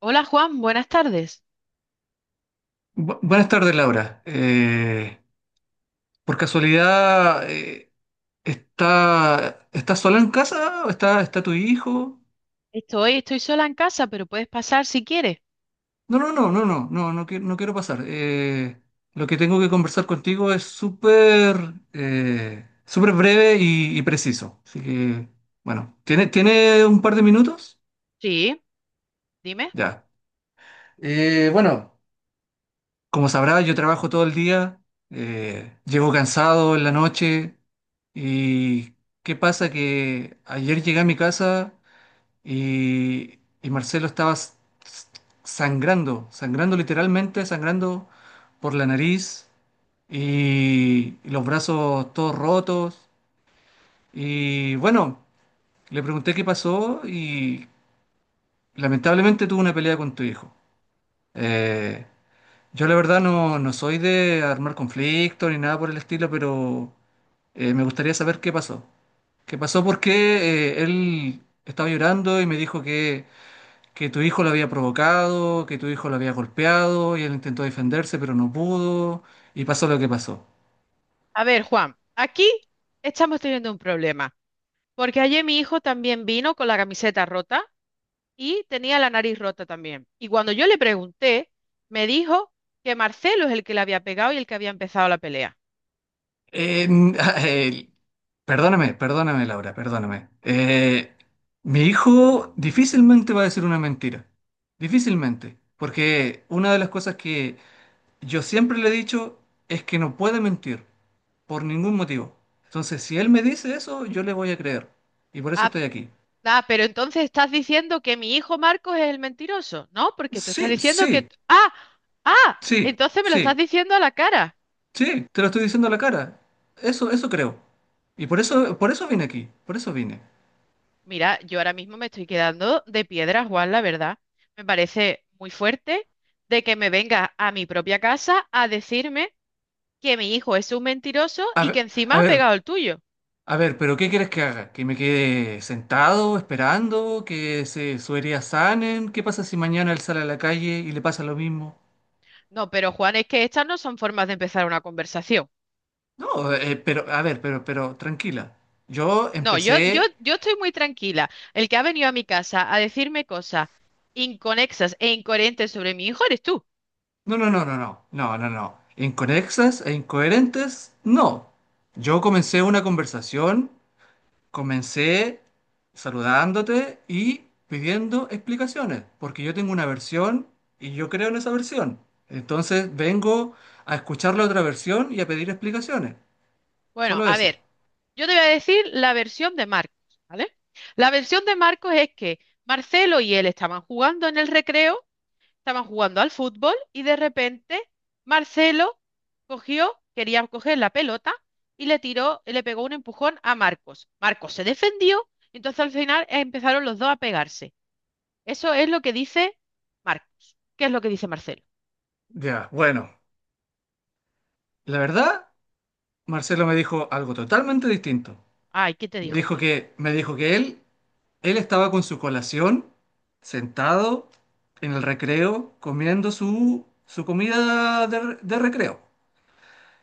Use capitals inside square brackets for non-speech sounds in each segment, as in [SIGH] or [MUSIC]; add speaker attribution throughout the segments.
Speaker 1: Hola Juan, buenas tardes.
Speaker 2: Buenas tardes, Laura. Por casualidad, ¿estás sola en casa? ¿ Está tu hijo?
Speaker 1: Estoy sola en casa, pero puedes pasar si quieres.
Speaker 2: No, no, no, no, no, no, no, no quiero pasar. Lo que tengo que conversar contigo es súper súper breve y preciso. Así que, bueno, ¿tiene un par de minutos?
Speaker 1: Sí, dime.
Speaker 2: Ya. Bueno, como sabrás, yo trabajo todo el día, llego cansado en la noche y ¿qué pasa? Que ayer llegué a mi casa y Marcelo estaba s- sangrando literalmente, sangrando por la nariz y los brazos todos rotos. Y bueno, le pregunté qué pasó y lamentablemente tuvo una pelea con tu hijo. Eh, Yo la verdad no, no soy de armar conflicto ni nada por el estilo, pero me gustaría saber qué pasó. ¿Qué pasó? Porque él estaba llorando y me dijo que tu hijo lo había provocado, que tu hijo lo había golpeado y él intentó defenderse, pero no pudo y pasó lo que pasó.
Speaker 1: A ver, Juan, aquí estamos teniendo un problema, porque ayer mi hijo también vino con la camiseta rota y tenía la nariz rota también. Y cuando yo le pregunté, me dijo que Marcelo es el que le había pegado y el que había empezado la pelea.
Speaker 2: Eh, n- [LAUGHS] eh, perdóname, perdóname, Laura, perdóname. Mi hijo difícilmente va a decir una mentira. Difícilmente. Porque una de las cosas que yo siempre le he dicho es que no puede mentir, por ningún motivo. Entonces, si él me dice eso, yo le voy a creer. Y por eso
Speaker 1: Ah,
Speaker 2: estoy aquí.
Speaker 1: ah, pero entonces estás diciendo que mi hijo Marcos es el mentiroso, ¿no? Porque tú estás
Speaker 2: Sí,
Speaker 1: diciendo que...
Speaker 2: sí,
Speaker 1: ah, ah,
Speaker 2: sí,
Speaker 1: entonces me lo estás
Speaker 2: sí,
Speaker 1: diciendo a la cara.
Speaker 2: sí, te lo estoy diciendo a la cara. Eso creo. Y por eso vine aquí, por eso vine.
Speaker 1: Mira, yo ahora mismo me estoy quedando de piedra, Juan, la verdad. Me parece muy fuerte de que me venga a mi propia casa a decirme que mi hijo es un mentiroso
Speaker 2: A
Speaker 1: y
Speaker 2: ver,
Speaker 1: que
Speaker 2: a
Speaker 1: encima ha pegado
Speaker 2: ver,
Speaker 1: el tuyo.
Speaker 2: a ver, pero ¿qué quieres que haga? ¿Que me quede sentado, esperando, su herida sanen? ¿Qué pasa si mañana él sale a la calle y le pasa lo mismo?
Speaker 1: No, pero Juan, es que estas no son formas de empezar una conversación.
Speaker 2: No, pero, a ver, pero, tranquila. Yo
Speaker 1: No, yo, yo,
Speaker 2: empecé.
Speaker 1: yo estoy muy tranquila. El que ha venido a mi casa a decirme cosas inconexas e incoherentes sobre mi hijo eres tú.
Speaker 2: No, no, no, no, no, no, no, no. Inconexas e incoherentes, no. Yo comencé una conversación, comencé saludándote y pidiendo explicaciones, porque yo tengo una versión y yo creo en esa versión. Entonces vengo a escuchar la otra versión y a pedir explicaciones.
Speaker 1: Bueno,
Speaker 2: Solo
Speaker 1: a
Speaker 2: eso.
Speaker 1: ver, yo te voy a decir la versión de Marcos, ¿vale? La versión de Marcos es que Marcelo y él estaban jugando en el recreo, estaban jugando al fútbol y de repente Marcelo cogió, quería coger la pelota y le tiró, le pegó un empujón a Marcos. Marcos se defendió, entonces al final empezaron los dos a pegarse. Eso es lo que dice Marcos. ¿Qué es lo que dice Marcelo?
Speaker 2: Ya, bueno. La verdad, Marcelo me dijo algo totalmente distinto.
Speaker 1: Ay, ¿qué te dijo entonces?
Speaker 2: Me dijo que él estaba con su colación, sentado en el recreo, comiendo su comida de recreo.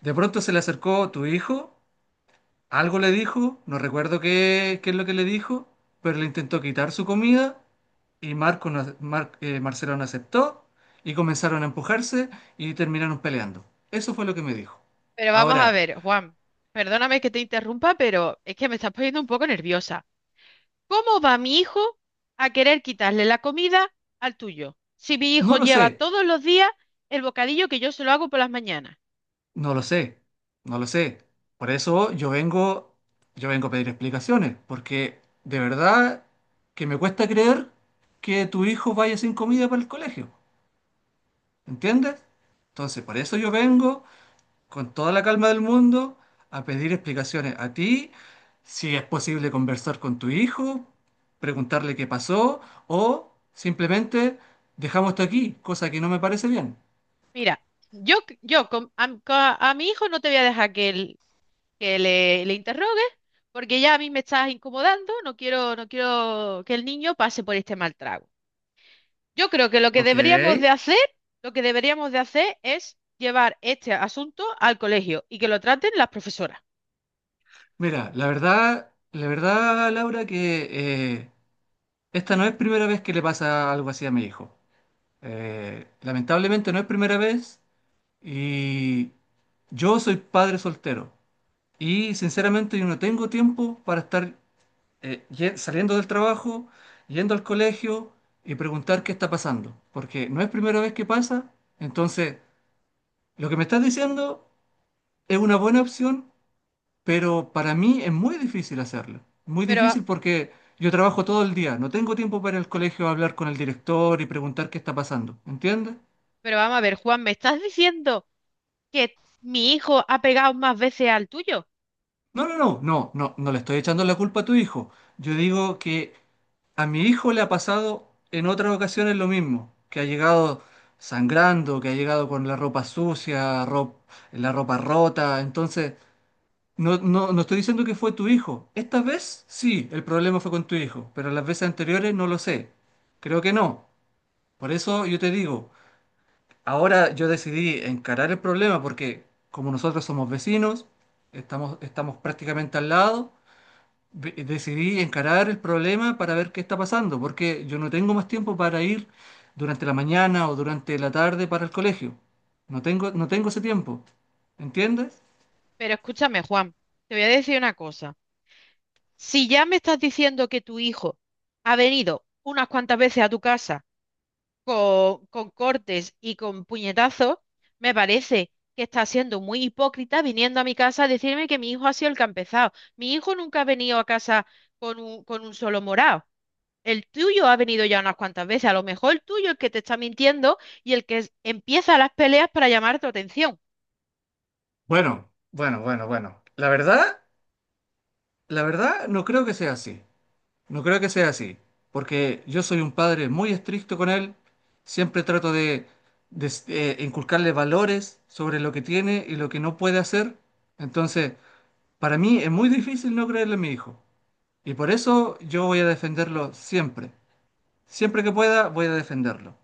Speaker 2: De pronto se le acercó tu hijo, algo le dijo, no recuerdo qué es lo que le dijo, pero le intentó quitar su comida y Marco no- Mar- Marcelo no aceptó y comenzaron a empujarse y terminaron peleando. Eso fue lo que me dijo.
Speaker 1: Pero vamos a
Speaker 2: Ahora,
Speaker 1: ver, Juan, perdóname que te interrumpa, pero es que me estás poniendo un poco nerviosa. ¿Cómo va mi hijo a querer quitarle la comida al tuyo? Si mi hijo
Speaker 2: no lo
Speaker 1: lleva
Speaker 2: sé.
Speaker 1: todos los días el bocadillo que yo se lo hago por las mañanas.
Speaker 2: No lo sé, no lo sé. Por eso yo vengo a pedir explicaciones, porque de verdad que me cuesta creer que tu hijo vaya sin comida para el colegio, ¿entiendes? Entonces, por eso yo vengo con toda la calma del mundo a pedir explicaciones a ti, si es posible conversar con tu hijo, preguntarle qué pasó, o simplemente dejamos esto aquí, cosa que no me parece bien.
Speaker 1: Mira, yo con- a mi hijo no te voy a dejar que le interrogues, porque ya a mí me estás incomodando, no quiero que el niño pase por este mal trago. Yo creo que
Speaker 2: Ok.
Speaker 1: lo que deberíamos de hacer es llevar este asunto al colegio y que lo traten las profesoras.
Speaker 2: Mira, la verdad, Laura, que eh, esta no es primera vez que le pasa algo así a mi hijo. Lamentablemente no es primera vez y yo soy padre soltero y sinceramente yo no tengo tiempo para estar saliendo del trabajo, yendo al colegio y preguntar qué está pasando, porque no es primera vez que pasa, entonces lo que me estás diciendo es una buena opción pero para mí es muy difícil hacerlo. Muy
Speaker 1: Pero,
Speaker 2: difícil porque yo trabajo todo el día, no tengo tiempo para ir al colegio a hablar con el director y preguntar qué está pasando, ¿entiendes?
Speaker 1: pero vamos a ver, Juan, me estás diciendo que mi hijo ha pegado más veces al tuyo.
Speaker 2: No, no, no, no, no, no le estoy echando la culpa a tu hijo. Yo digo que a mi hijo le ha pasado en otras ocasiones lo mismo, que ha llegado sangrando, que ha llegado con la ropa sucia, la ropa rota, entonces. No, no, no estoy diciendo que fue tu hijo. Esta vez sí, el problema fue con tu hijo, pero las veces anteriores no lo sé. Creo que no. Por eso yo te digo, ahora yo decidí encarar el problema porque como nosotros somos vecinos, estamos prácticamente al lado, decidí encarar el problema para ver qué está pasando, porque yo no tengo más tiempo para ir durante la mañana o durante la tarde para el colegio. No tengo, no tengo ese tiempo. ¿Entiendes?
Speaker 1: Pero escúchame, Juan, te voy a decir una cosa. Si ya me estás diciendo que tu hijo ha venido unas cuantas veces a tu casa, con cortes y con puñetazos, me parece que está siendo muy hipócrita viniendo a mi casa a decirme que mi hijo ha sido el que ha empezado. Mi hijo nunca ha venido a casa con un solo morado. El tuyo ha venido ya unas cuantas veces. A lo mejor el tuyo es el que te está mintiendo y el que empieza las peleas para llamar tu atención.
Speaker 2: Bueno, bueno, bueno, bueno. La verdad... la verdad, no creo que sea así. No creo que sea así. Porque yo soy un padre muy estricto con él. Siempre trato de, inculcarle valores sobre lo que tiene y lo que no puede hacer. Entonces, para mí es muy difícil no creerle a mi hijo. Y por eso yo voy a defenderlo siempre. Siempre que pueda, voy a defenderlo.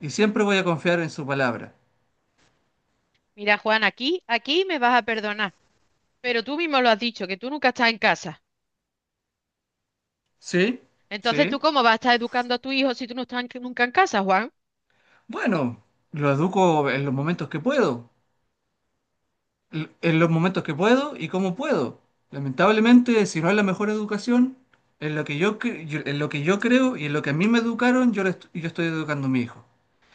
Speaker 2: Y siempre voy a confiar en su palabra.
Speaker 1: Mira, Juan, aquí me vas a perdonar. Pero tú mismo lo has dicho, que tú nunca estás en casa.
Speaker 2: ¿Sí?
Speaker 1: Entonces, ¿tú
Speaker 2: ¿Sí?
Speaker 1: cómo vas a estar educando a tu hijo si tú no estás en- nunca en casa, Juan?
Speaker 2: Bueno, lo educo en los momentos que puedo. En los momentos que puedo y cómo puedo. Lamentablemente, si no es la mejor educación, en lo que en lo que yo creo y en lo que a mí me educaron, yo estoy educando a mi hijo.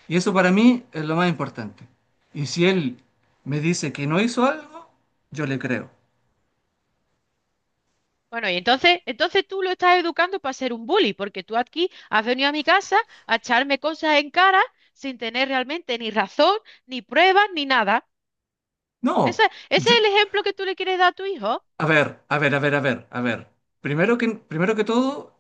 Speaker 2: Y eso para mí es lo más importante. Y si él me dice que no hizo algo, yo le creo.
Speaker 1: Bueno, y entonces tú lo estás educando para ser un bully, porque tú aquí has venido a mi casa a echarme cosas en cara sin tener realmente ni razón, ni pruebas, ni nada. ¿Ese,
Speaker 2: No,
Speaker 1: ese
Speaker 2: yo,
Speaker 1: es el ejemplo que tú le quieres dar a tu hijo?
Speaker 2: a ver, a ver, a ver, a ver, a ver. Primero que todo,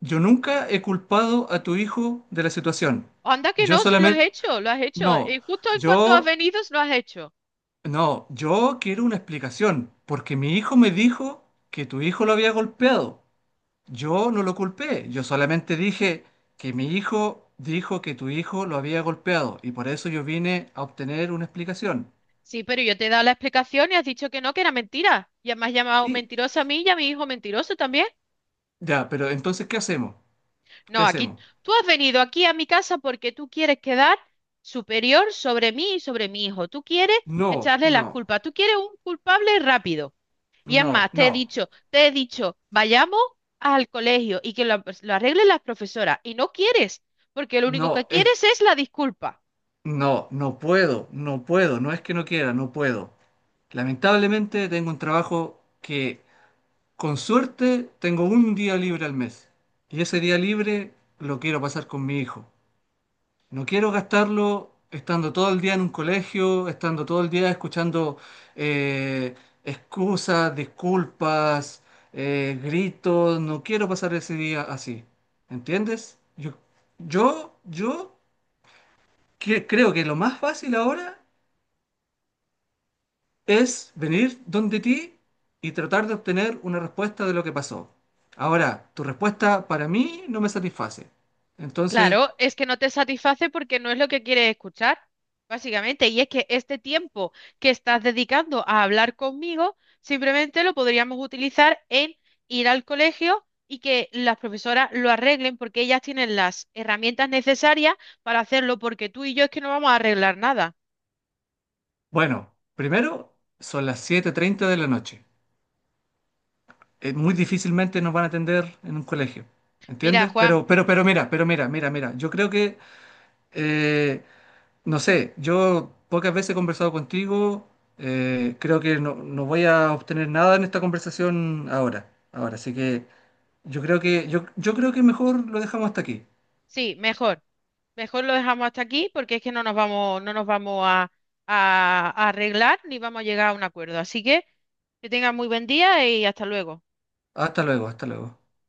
Speaker 2: yo nunca he culpado a tu hijo de la situación.
Speaker 1: Anda que
Speaker 2: Yo
Speaker 1: no, si lo has
Speaker 2: solamente,
Speaker 1: hecho, lo has hecho.
Speaker 2: no,
Speaker 1: Y justo en cuanto has
Speaker 2: yo.
Speaker 1: venido, lo has hecho.
Speaker 2: No, yo quiero una explicación, porque mi hijo me dijo que tu hijo lo había golpeado. Yo no lo culpé, yo solamente dije que mi hijo dijo que tu hijo lo había golpeado y por eso yo vine a obtener una explicación.
Speaker 1: Sí, pero yo te he dado la explicación y has dicho que no, que era mentira. Y además llamado
Speaker 2: Sí,
Speaker 1: mentirosa a mí y a mi hijo mentiroso también.
Speaker 2: ya, pero entonces, ¿qué hacemos? ¿Qué
Speaker 1: No, aquí
Speaker 2: hacemos?
Speaker 1: tú has venido aquí a mi casa porque tú quieres quedar superior sobre mí y sobre mi hijo. Tú quieres
Speaker 2: No,
Speaker 1: echarle las
Speaker 2: no,
Speaker 1: culpas. Tú quieres un culpable rápido. Y es
Speaker 2: no,
Speaker 1: más,
Speaker 2: no,
Speaker 1: te he dicho, vayamos al colegio y que lo arreglen las profesoras. Y no quieres, porque lo único que
Speaker 2: no,
Speaker 1: quieres es la disculpa.
Speaker 2: no, no puedo, no puedo, no es que no quiera, no puedo. Lamentablemente tengo un trabajo que. Con suerte tengo un día libre al mes y ese día libre lo quiero pasar con mi hijo. No quiero gastarlo estando todo el día en un colegio, estando todo el día escuchando eh, excusas, disculpas, gritos. No quiero pasar ese día así. ¿Entiendes? Yo, creo que lo más fácil ahora es venir donde ti y tratar de obtener una respuesta de lo que pasó. Ahora, tu respuesta para mí no me satisface. Entonces,
Speaker 1: Claro, es que no te satisface porque no es lo que quieres escuchar, básicamente. Y es que este tiempo que estás dedicando a hablar conmigo, simplemente lo podríamos utilizar en ir al colegio y que las profesoras lo arreglen porque ellas tienen las herramientas necesarias para hacerlo, porque tú y yo es que no vamos a arreglar nada.
Speaker 2: bueno, primero son las 7:30 de la noche. Muy difícilmente nos van a atender en un colegio.
Speaker 1: Mira,
Speaker 2: ¿Entiendes?
Speaker 1: Juan,
Speaker 2: Pero mira, mira, mira. Yo creo que, eh, no sé, yo pocas veces he conversado contigo. Creo que no, no voy a obtener nada en esta conversación ahora. Ahora, así que. Yo creo que, yo creo que mejor lo dejamos hasta aquí.
Speaker 1: sí, mejor. Mejor lo dejamos hasta aquí porque es que no nos vamos a, a arreglar ni vamos a llegar a un acuerdo. Así que tengas muy buen día y hasta luego.
Speaker 2: Hasta luego, hasta luego.